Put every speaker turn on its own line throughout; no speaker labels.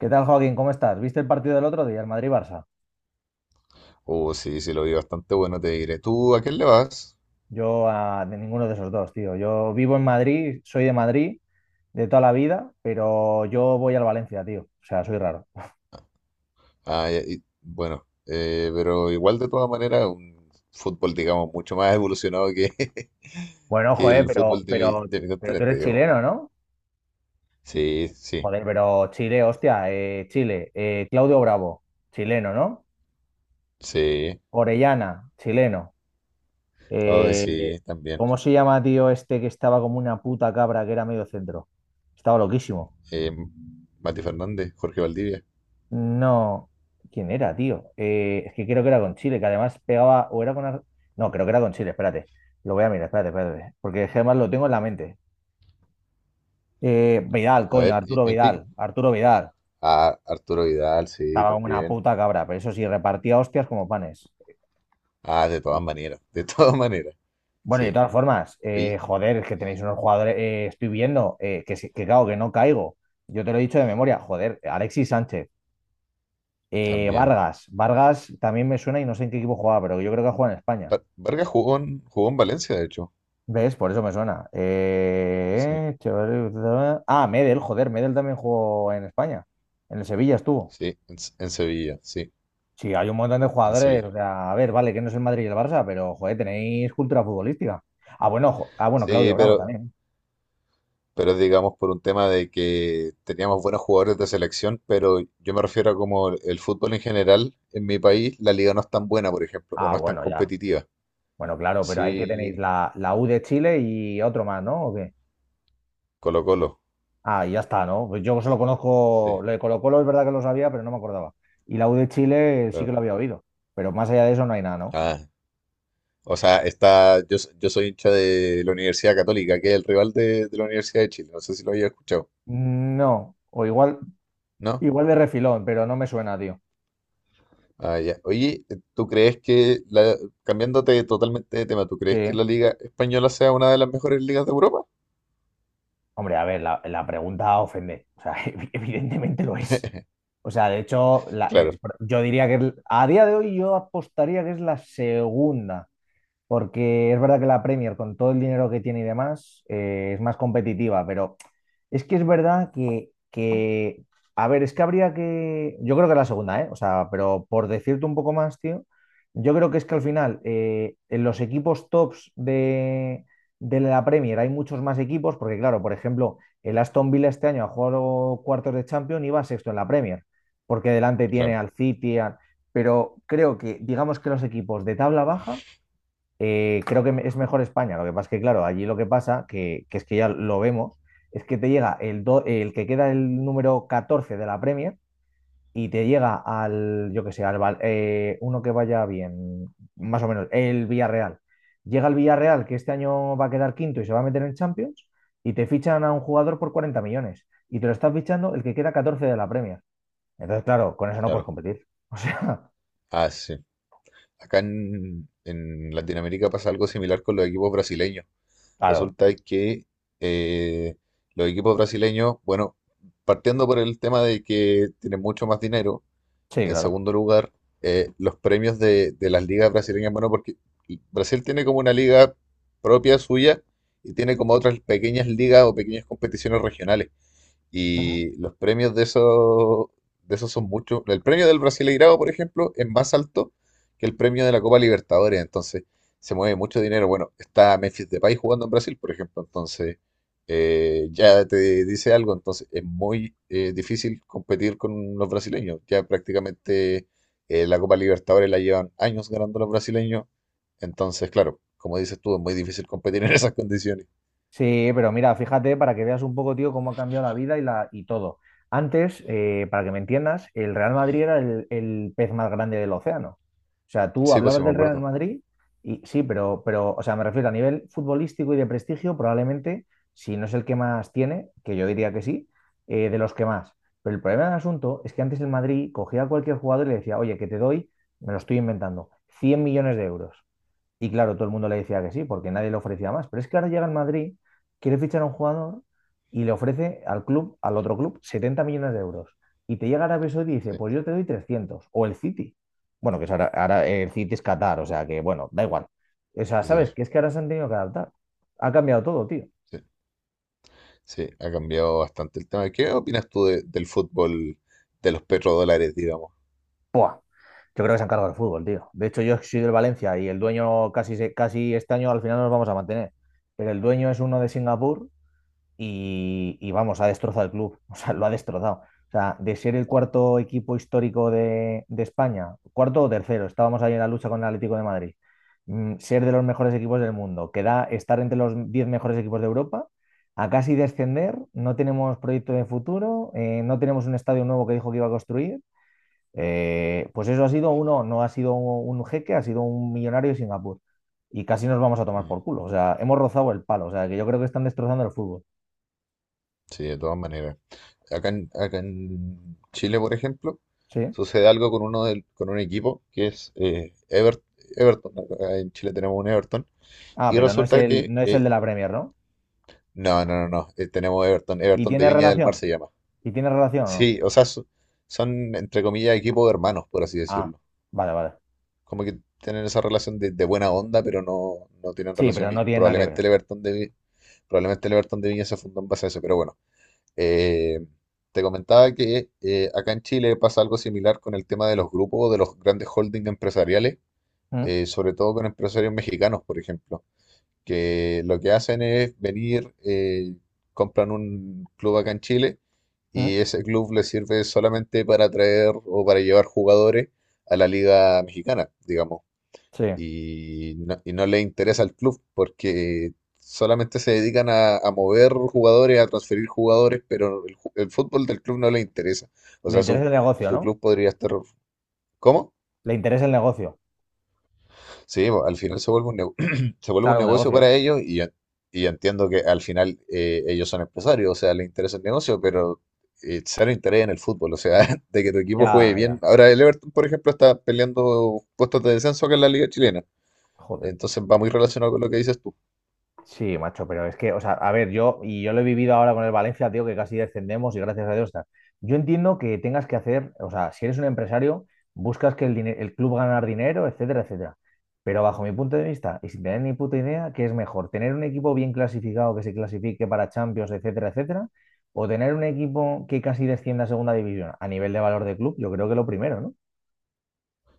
¿Qué tal, Joaquín? ¿Cómo estás? ¿Viste el partido del otro día, el Madrid-Barça?
Oh, sí, sí, lo vi bastante bueno, te diré. ¿Tú a quién le vas?
Yo de ninguno de esos dos, tío. Yo vivo en Madrid, soy de Madrid de toda la vida, pero yo voy al Valencia, tío. O sea, soy raro.
Ah, ya, pero igual de todas maneras, un fútbol, digamos, mucho más evolucionado que,
Bueno,
que
joder,
el
pero,
fútbol de
pero,
mi
pero tú
continente,
eres
digamos.
chileno, ¿no?
Sí, sí,
Joder, pero Chile, hostia, Chile, Claudio Bravo, chileno, ¿no?
sí.
Orellana, chileno.
Ay,
Eh,
sí, también.
¿Cómo se llama, tío, este que estaba como una puta cabra que era medio centro? Estaba loquísimo.
Eh, Mati Fernández, Jorge Valdivia.
No, ¿quién era, tío? Es que creo que era con Chile, que además pegaba, o era con. No, creo que era con Chile, espérate. Lo voy a mirar, espérate, espérate. Porque es que además lo tengo en la mente. Vidal,
A
coño,
ver,
Arturo
¿en qué
Vidal,
equipo?
Arturo Vidal.
Ah, Arturo Vidal, sí,
Estaba como una
también.
puta cabra, pero eso sí, repartía hostias como panes.
Ah, de todas maneras, de todas maneras.
Bueno, y de
Sí,
todas formas,
y
joder, es que tenéis unos jugadores, estoy viendo, que claro, que no caigo. Yo te lo he dicho de memoria, joder, Alexis Sánchez,
también.
Vargas, Vargas también me suena y no sé en qué equipo jugaba, pero yo creo que juega en España.
Vargas jugó jugó en Valencia, de hecho.
¿Ves? Por eso me suena.
Sí.
Medel, joder, Medel también jugó en España. En el Sevilla estuvo.
Sí, en Sevilla, sí,
Sí, hay un montón de
en
jugadores.
Sevilla.
O sea, a ver, vale, que no es el Madrid y el Barça, pero joder, tenéis cultura futbolística. Ah, bueno, Claudio
Sí,
Bravo también.
pero digamos por un tema de que teníamos buenos jugadores de selección, pero yo me refiero a como el fútbol en general, en mi país, la liga no es tan buena, por ejemplo, o
Ah,
no es tan
bueno, ya.
competitiva.
Bueno, claro, pero ahí que tenéis
Sí,
la, U de Chile y otro más, ¿no? ¿O qué?
Colo-Colo,
Ah, y ya está, ¿no? Pues yo solo conozco,
sí,
lo de Colo-Colo es verdad que lo sabía, pero no me acordaba. Y la U de Chile sí que
claro.
lo había oído, pero más allá de eso no hay nada, ¿no?
Ah, o sea, está, yo soy hincha de la Universidad Católica, que es el rival de la Universidad de Chile, no sé si lo había escuchado,
No, o igual.
¿no?
Igual de refilón, pero no me suena, tío.
Ah, ya. Oye, ¿tú crees que, la, cambiándote totalmente de tema, ¿tú crees que
Sí.
la Liga Española sea una de las mejores ligas de Europa?
Hombre, a ver, la pregunta ofende. O sea, evidentemente lo es. O sea, de hecho,
Claro,
yo diría que a día de hoy yo apostaría que es la segunda. Porque es verdad que la Premier, con todo el dinero que tiene y demás, es más competitiva, pero es que es verdad a ver, es que habría que, yo creo que la segunda, ¿eh? O sea, pero por decirte un poco más, tío, yo creo que es que al final en los equipos tops de la Premier hay muchos más equipos, porque claro, por ejemplo, el Aston Villa este año ha jugado cuartos de Champions y va sexto en la Premier, porque delante tiene
claro,
al City, pero creo que, digamos que los equipos de tabla baja creo que es mejor España. Lo que pasa es que, claro, allí lo que pasa, que es que ya lo vemos, es que te llega el que queda el número 14 de la Premier y te llega al, yo que sé, uno que vaya bien, más o menos, el Villarreal. Llega el Villarreal, que este año va a quedar quinto y se va a meter en Champions, y te fichan a un jugador por 40 millones. Y te lo estás fichando el que queda 14 de la Premier. Entonces, claro, con eso no puedes
claro.
competir. O sea,
Ah, sí. Acá en Latinoamérica pasa algo similar con los equipos brasileños.
claro,
Resulta que eh, los equipos brasileños, bueno, partiendo por el tema de que tienen mucho más dinero.
sí,
En
claro.
segundo lugar, los premios de las ligas brasileñas, bueno, porque Brasil tiene como una liga propia suya y tiene como otras pequeñas ligas o pequeñas competiciones regionales. Y los premios de esos son muchos. El premio del Brasileirao, por ejemplo, es más alto que el premio de la Copa Libertadores. Entonces, se mueve mucho dinero. Bueno, está Memphis Depay jugando en Brasil, por ejemplo. Entonces, ya te dice algo. Entonces, es muy difícil competir con los brasileños. Ya prácticamente la Copa Libertadores la llevan años ganando los brasileños. Entonces, claro, como dices tú, es muy difícil competir en esas condiciones.
Sí, pero mira, fíjate para que veas un poco, tío, cómo ha cambiado la vida y todo. Antes, para que me entiendas, el Real Madrid era el pez más grande del océano. O sea, tú
Sí, pues sí,
hablabas
me
del Real
acuerdo.
Madrid y sí, pero, o sea, me refiero a nivel futbolístico y de prestigio, probablemente, si no es el que más tiene, que yo diría que sí, de los que más. Pero el problema del asunto es que antes el Madrid cogía a cualquier jugador y le decía, oye, que te doy, me lo estoy inventando, 100 millones de euros. Y claro, todo el mundo le decía que sí, porque nadie le ofrecía más. Pero es que ahora llega al Madrid, quiere fichar a un jugador y le ofrece al club, al otro club, 70 millones de euros. Y te llega Arabia Saudí y dice,
Sí,
pues yo te doy 300. O el City. Bueno, que es ahora, el City es Qatar, o sea que, bueno, da igual. O sea,
sí,
¿sabes? Que es que ahora se han tenido que adaptar. Ha cambiado todo, tío.
sí. Sí, ha cambiado bastante el tema. ¿Qué opinas tú del fútbol, de los petrodólares, digamos?
¡Puah! Yo creo que se han cargado el fútbol, tío. De hecho, yo soy del Valencia y el dueño casi este año al final nos vamos a mantener. Pero el dueño es uno de Singapur y vamos, ha destrozado el club, o sea, lo ha destrozado. O sea, de ser el cuarto equipo histórico de España, cuarto o tercero, estábamos ahí en la lucha con el Atlético de Madrid, ser de los mejores equipos del mundo, que da estar entre los 10 mejores equipos de Europa, a casi descender, no tenemos proyecto de futuro, no tenemos un estadio nuevo que dijo que iba a construir, pues eso ha sido uno, no ha sido un jeque, ha sido un millonario de Singapur. Y casi nos vamos a tomar
Mm,
por culo. O sea, hemos rozado el palo. O sea, que yo creo que están destrozando el fútbol.
sí, de todas maneras. Acá acá en Chile, por ejemplo,
Sí.
sucede algo con uno del, con un equipo que es Everton. Acá en Chile tenemos un Everton.
Ah,
Y
pero no es
resulta
el,
que...
de la Premier, ¿no?
no, no, no, no. Tenemos Everton.
¿Y
Everton de
tiene
Viña del Mar
relación?
se llama.
¿Y tiene relación o no?
Sí, o sea, son, entre comillas, equipos hermanos, por así
Ah,
decirlo.
vale, vale.
Como que tienen esa relación de buena onda, pero no, no tienen
Sí, pero
relación.
no
Y
tiene nada que
probablemente
ver.
el Everton de, Vi- probablemente el Everton de Viña se fundó en base a eso. Pero bueno, eh, te comentaba que acá en Chile pasa algo similar con el tema de los grupos, de los grandes holdings empresariales,
¿Mm?
sobre todo con empresarios mexicanos, por ejemplo, que lo que hacen es venir, compran un club acá en Chile y
¿Mm?
ese club les sirve solamente para traer o para llevar jugadores a la liga mexicana, digamos,
Sí.
y no le interesa al club porque solamente se dedican a mover jugadores, a transferir jugadores, pero el fútbol del club no le interesa. O
Le
sea, su,
interesa el negocio,
su
¿no?
club podría estar... ¿Cómo?
Le interesa el negocio.
Sí, bo, al final se vuelve un se vuelve un
Claro, un
negocio
negocio.
para ellos y ya entiendo que al final ellos son empresarios, o sea, les interesa el negocio, pero cero interés en el fútbol, o sea, de que tu equipo juegue
Ya,
bien.
ya.
Ahora el Everton, por ejemplo, está peleando puestos de descenso acá en la Liga Chilena,
Joder.
entonces va muy relacionado con lo que dices tú.
Sí, macho, pero es que, o sea, a ver, y yo lo he vivido ahora con el Valencia, tío, que casi descendemos y gracias a Dios está. Yo entiendo que tengas que hacer, o sea, si eres un empresario, buscas que el club ganar dinero, etcétera, etcétera. Pero bajo mi punto de vista, y sin tener ni puta idea, ¿qué es mejor? ¿Tener un equipo bien clasificado que se clasifique para Champions, etcétera, etcétera? ¿O tener un equipo que casi descienda a segunda división? A nivel de valor de club, yo creo que lo primero, ¿no?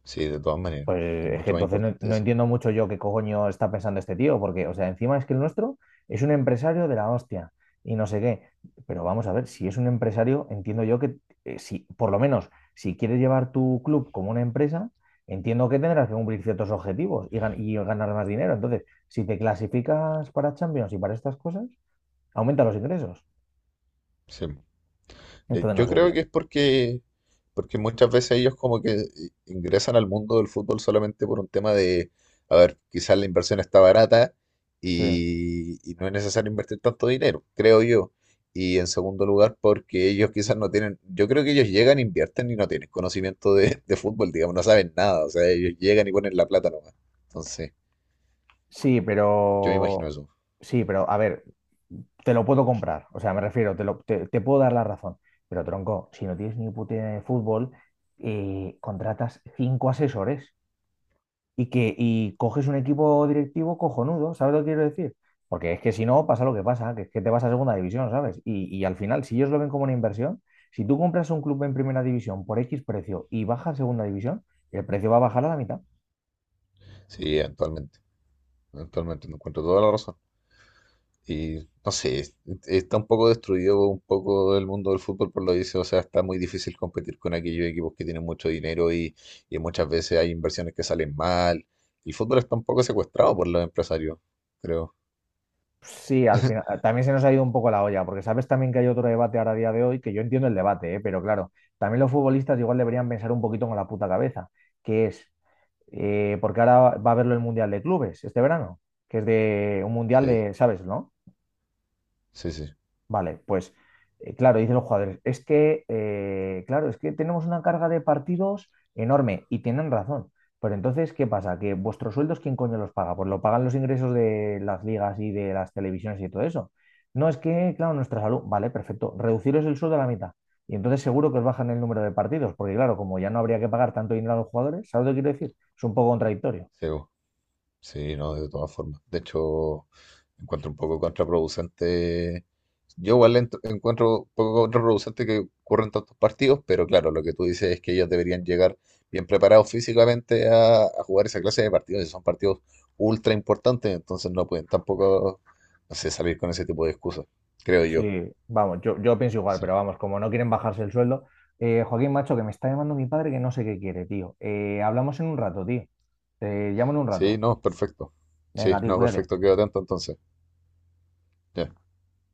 Sí, de todas maneras. Es
Pues es que
mucho más
entonces no,
importante
no
eso.
entiendo mucho yo qué coño está pensando este tío, porque, o sea, encima es que el nuestro es un empresario de la hostia y no sé qué. Pero vamos a ver, si es un empresario, entiendo yo que, si, por lo menos, si quieres llevar tu club como una empresa, entiendo que tendrás que cumplir ciertos objetivos y ganar más dinero. Entonces, si te clasificas para Champions y para estas cosas, aumenta los ingresos.
Sí. Yo
Entonces, no
yo
sé,
creo
tío.
que es porque, porque muchas veces ellos como que ingresan al mundo del fútbol solamente por un tema de, a ver, quizás la inversión está barata
Sí.
y no es necesario invertir tanto dinero, creo yo. Y en segundo lugar, porque ellos quizás no tienen, yo creo que ellos llegan, invierten y no tienen conocimiento de fútbol, digamos, no saben nada. O sea, ellos llegan y ponen la plata nomás. Entonces,
Sí,
yo me imagino
pero.
eso.
Sí, pero a ver, te lo puedo comprar. O sea, me refiero, te puedo dar la razón. Pero tronco, si no tienes ni puta idea de fútbol, contratas cinco asesores y coges un equipo directivo cojonudo, ¿sabes lo que quiero decir? Porque es que si no, pasa lo que pasa, que es que te vas a segunda división, ¿sabes? Y al final, si ellos lo ven como una inversión, si tú compras un club en primera división por X precio y baja a segunda división, el precio va a bajar a la mitad.
Sí, eventualmente. Eventualmente, me encuentro toda la razón. Y no sé, está un poco destruido un poco el mundo del fútbol por lo dice, o sea, está muy difícil competir con aquellos equipos que tienen mucho dinero y muchas veces hay inversiones que salen mal. El fútbol está un poco secuestrado por los empresarios, creo.
Sí, al final también se nos ha ido un poco la olla, porque sabes también que hay otro debate ahora a día de hoy, que yo entiendo el debate, ¿eh? Pero claro, también los futbolistas igual deberían pensar un poquito con la puta cabeza, que es, porque ahora va a haberlo el Mundial de Clubes este verano, que es de un Mundial
Sí,
de, ¿sabes, no?
sí, sí,
Vale, pues claro, dicen los jugadores, es que, claro, es que tenemos una carga de partidos enorme y tienen razón. Pero entonces, ¿qué pasa? Que vuestros sueldos, ¿quién coño los paga? Pues lo pagan los ingresos de las ligas y de las televisiones y todo eso. No, es que, claro, nuestra salud, vale, perfecto, reduciros el sueldo a la mitad. Y entonces seguro que os bajan el número de partidos, porque claro, como ya no habría que pagar tanto dinero a los jugadores, ¿sabes lo que quiero decir? Es un poco contradictorio.
sí. Sí, no, de todas formas. De hecho, encuentro un poco contraproducente. Yo igual encuentro un poco contraproducente que ocurran tantos partidos, pero claro, lo que tú dices es que ellos deberían llegar bien preparados físicamente a jugar esa clase de partidos. Y son partidos ultra importantes, entonces no pueden tampoco, no sé, salir con ese tipo de excusas, creo yo.
Sí, vamos, yo pienso igual,
Sí,
pero vamos, como no quieren bajarse el sueldo, Joaquín, macho, que me está llamando mi padre que no sé qué quiere, tío. Hablamos en un rato, tío. Te llamo en un
sí,
rato.
no, perfecto. Sí,
Venga, tío,
no,
cuídate.
perfecto, quedo atento entonces. Ya.